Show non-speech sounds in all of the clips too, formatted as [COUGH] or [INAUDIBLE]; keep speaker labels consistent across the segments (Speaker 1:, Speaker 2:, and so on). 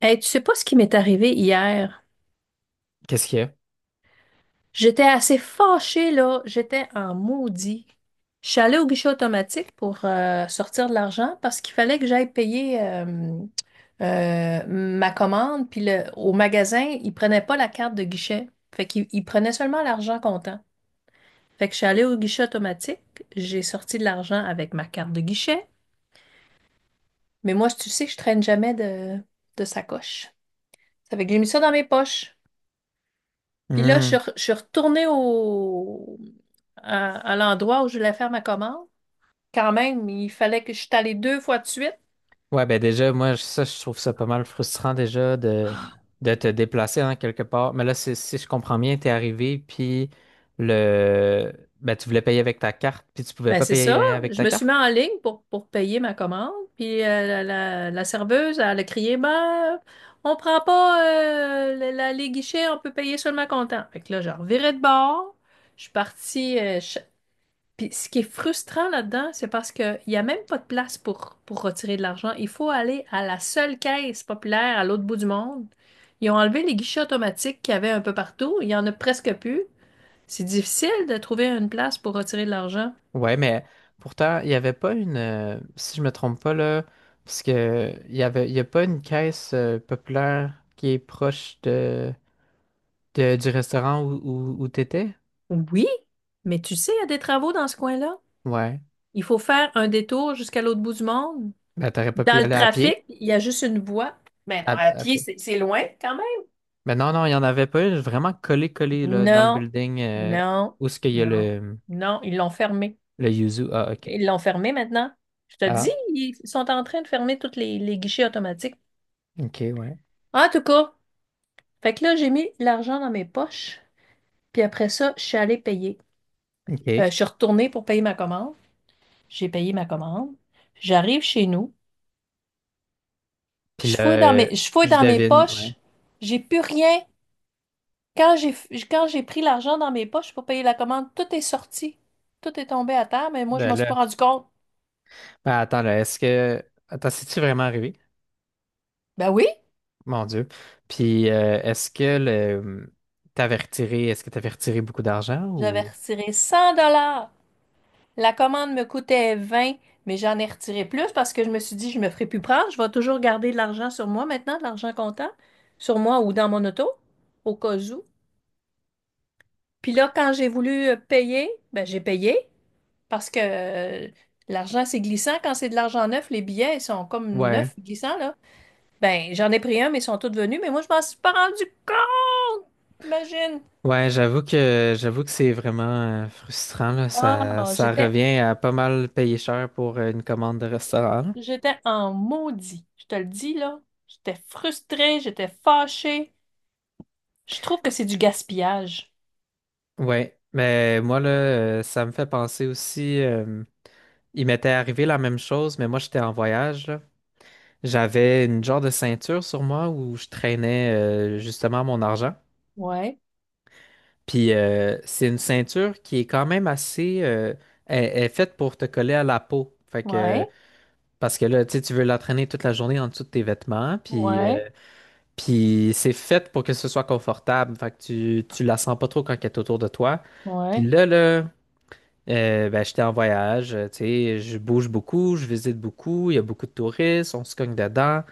Speaker 1: Hey, tu sais pas ce qui m'est arrivé hier?
Speaker 2: Qu'est-ce qu'il y a?
Speaker 1: J'étais assez fâchée, là. J'étais en maudit. Je suis allée au guichet automatique pour sortir de l'argent parce qu'il fallait que j'aille payer ma commande. Puis au magasin, ils prenaient pas la carte de guichet. Fait qu'ils prenaient seulement l'argent comptant. Fait que je suis allée au guichet automatique. J'ai sorti de l'argent avec ma carte de guichet. Mais moi, tu sais, je traîne jamais de sacoche. Ça fait que j'ai mis ça dans mes poches. Puis là,
Speaker 2: Hmm.
Speaker 1: je suis retournée à l'endroit où je voulais faire ma commande. Quand même, il fallait que je suis allée deux fois de suite.
Speaker 2: Ouais, ben déjà, moi, ça, je trouve ça pas mal frustrant déjà de te déplacer en quelque part. Mais là, si je comprends bien, t'es arrivé, puis le ben, tu voulais payer avec ta carte, puis tu pouvais
Speaker 1: Ben,
Speaker 2: pas
Speaker 1: c'est
Speaker 2: payer
Speaker 1: ça.
Speaker 2: avec
Speaker 1: Je
Speaker 2: ta
Speaker 1: me suis
Speaker 2: carte?
Speaker 1: mis en ligne pour payer ma commande. Puis la serveuse, elle a crié, ben, on prend pas les guichets, on peut payer seulement comptant. Fait que là, je revirais de bord. Je suis partie, je Puis ce qui est frustrant là-dedans, c'est parce qu'il n'y a même pas de place pour retirer de l'argent. Il faut aller à la seule caisse populaire à l'autre bout du monde. Ils ont enlevé les guichets automatiques qu'il y avait un peu partout. Il n'y en a presque plus. C'est difficile de trouver une place pour retirer de l'argent.
Speaker 2: Ouais, mais pourtant, il n'y avait pas une si je me trompe pas là, parce que il y a pas une caisse populaire qui est proche du restaurant où t'étais?
Speaker 1: Oui, mais tu sais, il y a des travaux dans ce coin-là.
Speaker 2: Ouais.
Speaker 1: Il faut faire un détour jusqu'à l'autre bout du monde.
Speaker 2: Ben, t'aurais pas pu y
Speaker 1: Dans le
Speaker 2: aller à pied.
Speaker 1: trafic, il y a juste une voie. Mais non,
Speaker 2: À,
Speaker 1: à
Speaker 2: à
Speaker 1: pied,
Speaker 2: pied.
Speaker 1: c'est loin quand même.
Speaker 2: Mais non, non, il n'y en avait pas. Vraiment collé, collé là, dans le
Speaker 1: Non,
Speaker 2: building
Speaker 1: non,
Speaker 2: où est-ce qu'il y a
Speaker 1: non,
Speaker 2: le,
Speaker 1: non, ils l'ont fermé.
Speaker 2: le Yuzu. Ah, ok.
Speaker 1: Ils l'ont fermé maintenant. Je te dis,
Speaker 2: Ah,
Speaker 1: ils sont en train de fermer tous les guichets automatiques.
Speaker 2: ok, ouais.
Speaker 1: En tout cas, fait que là, j'ai mis l'argent dans mes poches. Puis après ça, je suis allée payer.
Speaker 2: Ok.
Speaker 1: Je suis retournée pour payer ma commande. J'ai payé ma commande. J'arrive chez nous.
Speaker 2: Puis là,
Speaker 1: Je fouille
Speaker 2: je
Speaker 1: dans mes
Speaker 2: devine. Ouais.
Speaker 1: poches. J'ai plus rien. Quand j'ai, quand j'ai pris l'argent dans mes poches pour payer la commande, tout est sorti. Tout est tombé à terre, mais moi, je
Speaker 2: Ben
Speaker 1: m'en suis
Speaker 2: là,
Speaker 1: pas rendu compte.
Speaker 2: ben attends, là, est-ce que. Attends, c'est-tu vraiment arrivé?
Speaker 1: Ben oui,
Speaker 2: Mon Dieu. Puis est-ce que est-ce que t'avais retiré beaucoup d'argent
Speaker 1: j'avais
Speaker 2: ou.
Speaker 1: retiré 100. La commande me coûtait 20, mais j'en ai retiré plus parce que je me suis dit, je me ferai plus prendre. Je vais toujours garder de l'argent sur moi maintenant, de l'argent comptant, sur moi ou dans mon auto, au cas où. Puis là, quand j'ai voulu payer, ben, j'ai payé parce que l'argent, c'est glissant. Quand c'est de l'argent neuf, les billets, ils sont comme
Speaker 2: Ouais.
Speaker 1: neufs, glissants, là. Ben, j'en ai pris un, mais ils sont tous venus, mais moi, je m'en suis pas rendu compte, imagine.
Speaker 2: Ouais, j'avoue que c'est vraiment frustrant, là. Ça,
Speaker 1: Oh,
Speaker 2: ça
Speaker 1: j'étais,
Speaker 2: revient à pas mal payer cher pour une commande de restaurant.
Speaker 1: j'étais en maudit. Je te le dis, là. J'étais frustrée, j'étais fâchée. Je trouve que c'est du gaspillage.
Speaker 2: Ouais, mais moi là, ça me fait penser aussi. Il m'était arrivé la même chose, mais moi j'étais en voyage, là. J'avais une genre de ceinture sur moi où je traînais justement mon argent.
Speaker 1: Ouais,
Speaker 2: Puis c'est une ceinture qui est quand même assez, elle est faite pour te coller à la peau. Fait que
Speaker 1: ouais,
Speaker 2: parce que là, tu sais, tu veux la traîner toute la journée en dessous de tes vêtements. Puis
Speaker 1: ouais,
Speaker 2: euh, puis c'est fait pour que ce soit confortable. Fait que tu la sens pas trop quand elle est autour de toi. Puis
Speaker 1: ouais.
Speaker 2: là là. Ben, j'étais en voyage, tu sais, je bouge beaucoup, je visite beaucoup, il y a beaucoup de touristes, on se cogne dedans.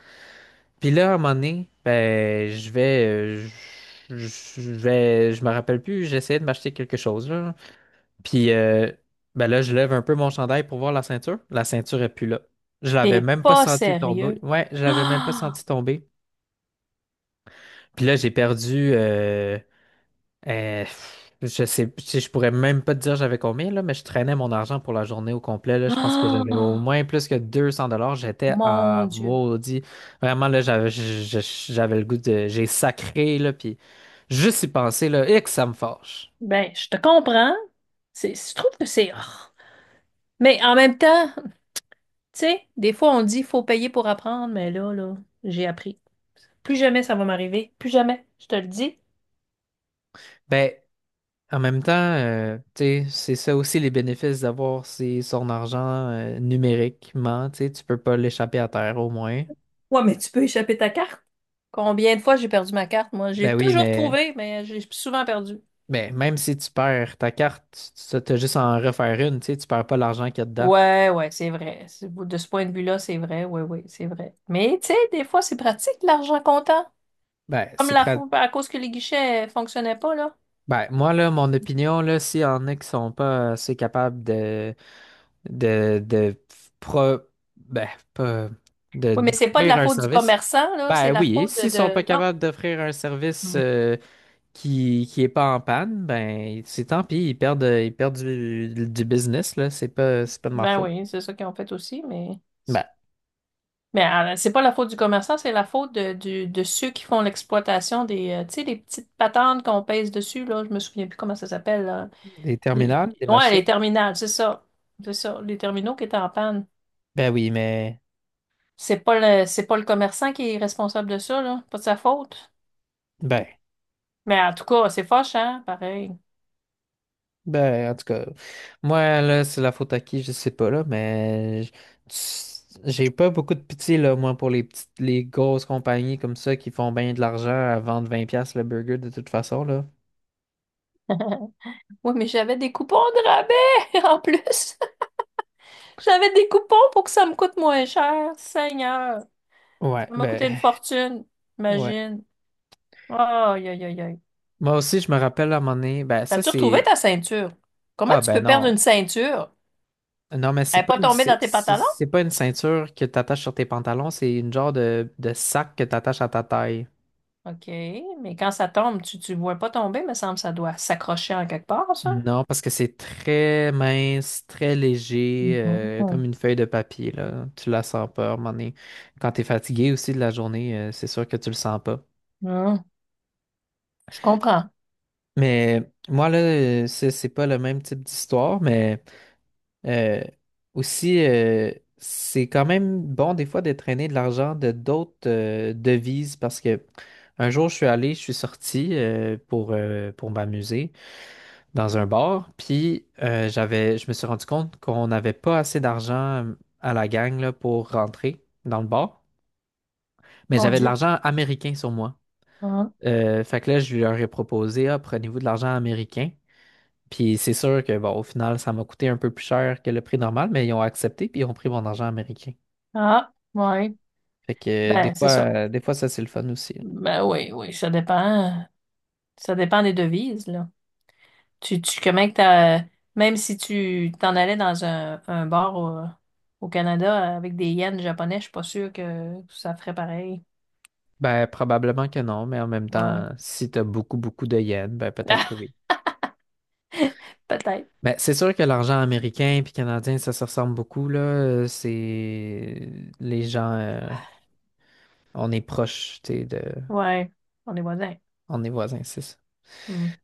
Speaker 2: Puis là, à un moment donné, ben, je vais, je vais, je me rappelle plus, j'essayais de m'acheter quelque chose, là. Puis ben là, je lève un peu mon chandail pour voir la ceinture. La ceinture est plus là. Je l'avais
Speaker 1: T'es
Speaker 2: même pas
Speaker 1: pas
Speaker 2: senti tomber.
Speaker 1: sérieux.
Speaker 2: Ouais, je
Speaker 1: [GASPS]
Speaker 2: l'avais même pas senti tomber. Puis là, j'ai perdu, Euh, je sais, je pourrais même pas te dire j'avais combien, là, mais je traînais mon argent pour la journée au complet, là. Je pense que
Speaker 1: Ah,
Speaker 2: j'avais au
Speaker 1: ah,
Speaker 2: moins plus que 200 dollars. J'étais
Speaker 1: mon
Speaker 2: en
Speaker 1: Dieu.
Speaker 2: maudit. Vraiment, là, j'avais le goût de, j'ai sacré, là, puis juste y penser, là, et que ça me fâche.
Speaker 1: Ben, je te comprends. C'est, je trouve que c'est. Ah. Mais en même temps, tu sais, des fois on dit faut payer pour apprendre, mais là, là, j'ai appris. Plus jamais ça va m'arriver. Plus jamais, je te le dis.
Speaker 2: Ben, en même temps, tu sais, c'est ça aussi les bénéfices d'avoir son argent, numériquement, tu sais, tu peux pas l'échapper à terre, au moins.
Speaker 1: Ouais, mais tu peux échapper ta carte. Combien de fois j'ai perdu ma carte, moi?
Speaker 2: Ben
Speaker 1: J'ai
Speaker 2: oui,
Speaker 1: toujours
Speaker 2: mais
Speaker 1: trouvé, mais j'ai souvent perdu.
Speaker 2: Mais même si tu perds ta carte, tu as juste à en refaire une, tu sais, tu perds pas l'argent qu'il y a dedans.
Speaker 1: Ouais, ouais, c'est vrai. De ce point de vue-là, c'est vrai. Oui, oui, c'est vrai. Mais tu sais, des fois, c'est pratique l'argent comptant.
Speaker 2: Ben,
Speaker 1: Comme
Speaker 2: c'est
Speaker 1: la
Speaker 2: prêt.
Speaker 1: faute à cause que les guichets fonctionnaient pas, là.
Speaker 2: Ben, moi, là, mon opinion, là, s'il y en a qui sont pas assez capables de, pro, ben, pas, de,
Speaker 1: Oui, mais c'est pas de
Speaker 2: d'offrir
Speaker 1: la
Speaker 2: un
Speaker 1: faute du
Speaker 2: service,
Speaker 1: commerçant, là. C'est
Speaker 2: ben
Speaker 1: la
Speaker 2: oui,
Speaker 1: faute
Speaker 2: s'ils sont pas
Speaker 1: Non.
Speaker 2: capables d'offrir un service
Speaker 1: Hmm.
Speaker 2: qui est pas en panne, ben, c'est tant pis, ils perdent du business, là, c'est pas de ma
Speaker 1: Ben
Speaker 2: faute.
Speaker 1: oui, c'est ça qu'ils ont fait aussi, mais.
Speaker 2: Ben,
Speaker 1: Mais c'est pas la faute du commerçant, c'est la faute de ceux qui font l'exploitation des, tu sais, les petites patentes qu'on pèse dessus, là. Je me souviens plus comment ça s'appelle, là.
Speaker 2: des terminales, des
Speaker 1: Ouais,
Speaker 2: machines,
Speaker 1: les terminales, c'est ça. C'est ça. Les terminaux qui étaient en panne.
Speaker 2: ben oui, mais,
Speaker 1: C'est pas le commerçant qui est responsable de ça, là. Pas de sa faute.
Speaker 2: ben.
Speaker 1: Mais en tout cas, c'est fâchant, pareil.
Speaker 2: Ben, en tout cas, moi, là, c'est la faute à qui, je sais pas, là, mais j'ai pas beaucoup de pitié, là, moi, pour les petites, les grosses compagnies comme ça qui font bien de l'argent à vendre 20 $ le burger de toute façon, là.
Speaker 1: Oui, mais j'avais des coupons de rabais [LAUGHS] en plus. J'avais des coupons pour que ça me coûte moins cher. Seigneur,
Speaker 2: Ouais,
Speaker 1: ça m'a coûté une
Speaker 2: ben,
Speaker 1: fortune.
Speaker 2: ouais.
Speaker 1: Imagine. Aïe, aïe, aïe, aïe.
Speaker 2: Moi aussi, je me rappelle à un moment donné, ben, ça,
Speaker 1: As-tu retrouvé
Speaker 2: c'est.
Speaker 1: ta ceinture? Comment
Speaker 2: Ah,
Speaker 1: tu
Speaker 2: ben
Speaker 1: peux perdre
Speaker 2: non.
Speaker 1: une ceinture?
Speaker 2: Non, mais
Speaker 1: Elle n'est pas tombée dans tes pantalons?
Speaker 2: c'est pas une ceinture que t'attaches sur tes pantalons, c'est une genre de sac que t'attaches à ta taille.
Speaker 1: OK, mais quand ça tombe, tu ne vois pas tomber, me semble, ça doit s'accrocher en quelque part, ça.
Speaker 2: Non, parce que c'est très mince, très léger, comme
Speaker 1: Mhm.
Speaker 2: une feuille de papier, là. Tu la sens pas, à un moment donné. Quand t'es fatigué aussi de la journée, c'est sûr que tu le sens pas.
Speaker 1: Mhm. Je comprends.
Speaker 2: Mais moi, là, c'est pas le même type d'histoire, mais euh, aussi, c'est quand même bon des fois de traîner de l'argent de d'autres devises parce que un jour, je suis allé, je suis sorti pour m'amuser dans un bar. Puis je me suis rendu compte qu'on n'avait pas assez d'argent à la gang là, pour rentrer dans le bar. Mais
Speaker 1: Mon
Speaker 2: j'avais de
Speaker 1: Dieu.
Speaker 2: l'argent américain sur moi.
Speaker 1: Hein?
Speaker 2: Fait que là, je leur ai proposé, ah, prenez-vous de l'argent américain. Puis c'est sûr que bon, au final, ça m'a coûté un peu plus cher que le prix normal, mais ils ont accepté puis ils ont pris mon argent américain.
Speaker 1: Ah, ouais.
Speaker 2: Fait que des
Speaker 1: Ben,
Speaker 2: fois,
Speaker 1: c'est ça.
Speaker 2: euh, des fois, ça c'est le fun aussi, là.
Speaker 1: Ben oui, oui, ça dépend. Ça dépend des devises, là. Comment que t'as, même si tu t'en allais dans un bar au Canada avec des yens japonais, je suis pas sûre que ça ferait pareil.
Speaker 2: Ben, probablement que non, mais en même
Speaker 1: Ouais.
Speaker 2: temps, si tu as beaucoup, beaucoup de yens, ben peut-être que
Speaker 1: [LAUGHS]
Speaker 2: oui.
Speaker 1: Peut-être.
Speaker 2: Ben, c'est sûr que l'argent américain puis canadien, ça se ressemble beaucoup, là. C'est les gens, on est proches, tu sais. De...
Speaker 1: Ouais. On est voisins.
Speaker 2: On est voisins, c'est ça.
Speaker 1: Hmm.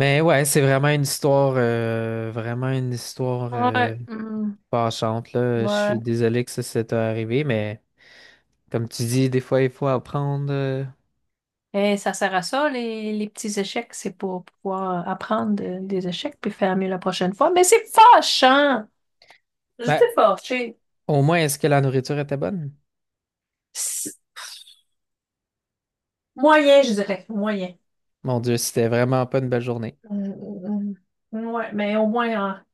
Speaker 2: Mais ouais, c'est vraiment une histoire
Speaker 1: Ouais. Hmm,
Speaker 2: fâchante, là. Je
Speaker 1: ouais.
Speaker 2: suis désolé que ça t'est arrivé, mais comme tu dis, des fois, il faut apprendre.
Speaker 1: Et ça sert à ça, les petits échecs. C'est pour pouvoir apprendre des échecs puis faire mieux la prochaine fois. Mais c'est fâchant!
Speaker 2: Ben,
Speaker 1: J'étais fâchée.
Speaker 2: au moins, est-ce que la nourriture était bonne?
Speaker 1: C'est- Moyen, je dirais. Moyen.
Speaker 2: Mon Dieu, c'était vraiment pas une belle journée.
Speaker 1: Mm, mm, ouais, mais au moins, hein,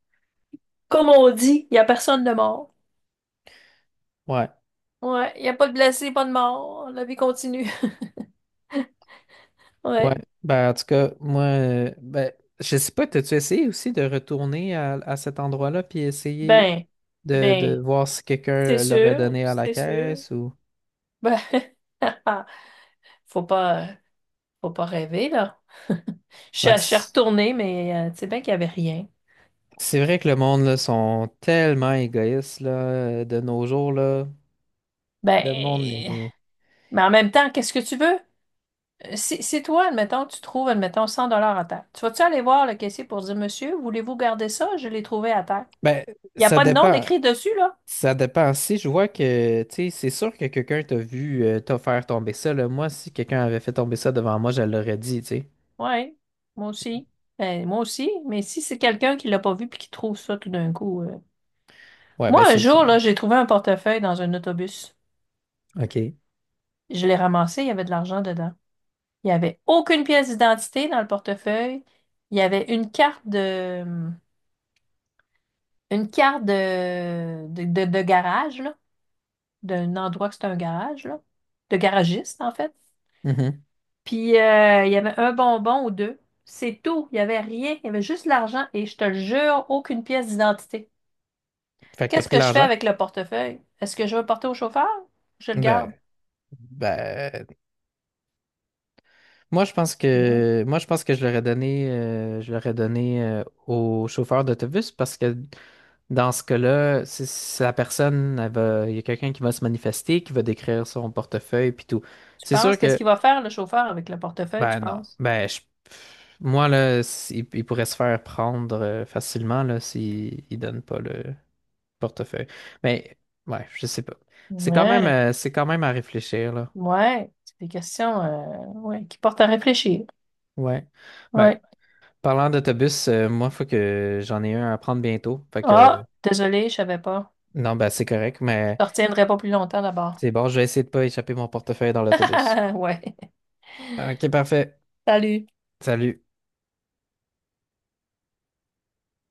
Speaker 1: comme on dit, il n'y a personne de mort.
Speaker 2: Ouais.
Speaker 1: Ouais, il n'y a pas de blessé, pas de mort. La vie continue. [LAUGHS]
Speaker 2: Ouais.
Speaker 1: Ouais.
Speaker 2: Ben, en tout cas, moi, ben, je sais pas, t'as-tu essayé aussi de retourner à cet endroit-là puis essayer
Speaker 1: Ben,
Speaker 2: de
Speaker 1: ben,
Speaker 2: voir si
Speaker 1: c'est
Speaker 2: quelqu'un l'aurait
Speaker 1: sûr,
Speaker 2: donné à la
Speaker 1: c'est sûr.
Speaker 2: caisse ou.
Speaker 1: Ben, [LAUGHS] faut pas, faut pas rêver, là. [LAUGHS] Je suis
Speaker 2: Ouais,
Speaker 1: je suis retournée, mais tu sais bien qu'il n'y avait rien.
Speaker 2: c'est vrai que le monde, là, sont tellement égoïstes, là, de nos jours, là.
Speaker 1: Ben,
Speaker 2: Le monde est.
Speaker 1: mais en même temps, qu'est-ce que tu veux? Si toi, admettons, tu trouves, admettons, 100 $ à terre, tu vas-tu aller voir le caissier pour dire, Monsieur, voulez-vous garder ça? Je l'ai trouvé à terre.
Speaker 2: Ben,
Speaker 1: Il n'y a
Speaker 2: ça
Speaker 1: pas de nom
Speaker 2: dépend.
Speaker 1: d'écrit dessus, là?
Speaker 2: Ça dépend. Si je vois que, tu sais, c'est sûr que quelqu'un t'a vu t'a faire tomber ça, là. Moi, si quelqu'un avait fait tomber ça devant moi, je l'aurais dit, tu sais.
Speaker 1: Oui, moi aussi. Ben, moi aussi, mais si c'est quelqu'un qui l'a pas vu puis qui trouve ça tout d'un coup.
Speaker 2: Ouais,
Speaker 1: Moi,
Speaker 2: ben,
Speaker 1: un
Speaker 2: c'est sûr.
Speaker 1: jour, là, j'ai trouvé un portefeuille dans un autobus.
Speaker 2: OK.
Speaker 1: Je l'ai ramassé, il y avait de l'argent dedans. Il n'y avait aucune pièce d'identité dans le portefeuille. Il y avait une carte de garage, là, d'un endroit que c'était un garage, là, de garagiste, en fait.
Speaker 2: Mhm.
Speaker 1: Puis il y avait un bonbon ou deux. C'est tout. Il n'y avait rien. Il y avait juste l'argent et je te le jure, aucune pièce d'identité.
Speaker 2: Fait que t'as
Speaker 1: Qu'est-ce
Speaker 2: pris
Speaker 1: que je fais
Speaker 2: l'argent?
Speaker 1: avec le portefeuille? Est-ce que je vais le porter au chauffeur? Je le garde.
Speaker 2: Ben, ben, moi je pense
Speaker 1: Hmm.
Speaker 2: que moi je pense que je l'aurais donné au chauffeur d'autobus parce que dans ce cas-là, si la personne elle va, il y a quelqu'un qui va se manifester, qui va décrire son portefeuille puis tout.
Speaker 1: Tu
Speaker 2: C'est
Speaker 1: penses,
Speaker 2: sûr
Speaker 1: qu'est-ce
Speaker 2: que
Speaker 1: qu'il va faire le chauffeur avec le portefeuille, tu
Speaker 2: ben non,
Speaker 1: penses?
Speaker 2: ben je- moi là, si- il, pourrait se faire prendre facilement là s'il il donne pas le portefeuille. Mais ouais, je sais pas. C'est quand même
Speaker 1: Ouais,
Speaker 2: euh, c'est quand même à réfléchir là.
Speaker 1: ouais. C'est des questions ouais, qui portent à réfléchir.
Speaker 2: Ouais. Ben,
Speaker 1: Ouais.
Speaker 2: parlant d'autobus, moi, faut que j'en ai un à prendre bientôt. Fait que,
Speaker 1: Ah, désolée, je savais pas.
Speaker 2: non, bah, c'est correct,
Speaker 1: Je
Speaker 2: mais
Speaker 1: te retiendrai pas plus longtemps d'abord.
Speaker 2: c'est bon, je vais essayer de pas échapper mon portefeuille dans l'autobus.
Speaker 1: [LAUGHS] Ouais.
Speaker 2: Ok, parfait.
Speaker 1: Salut.
Speaker 2: Salut.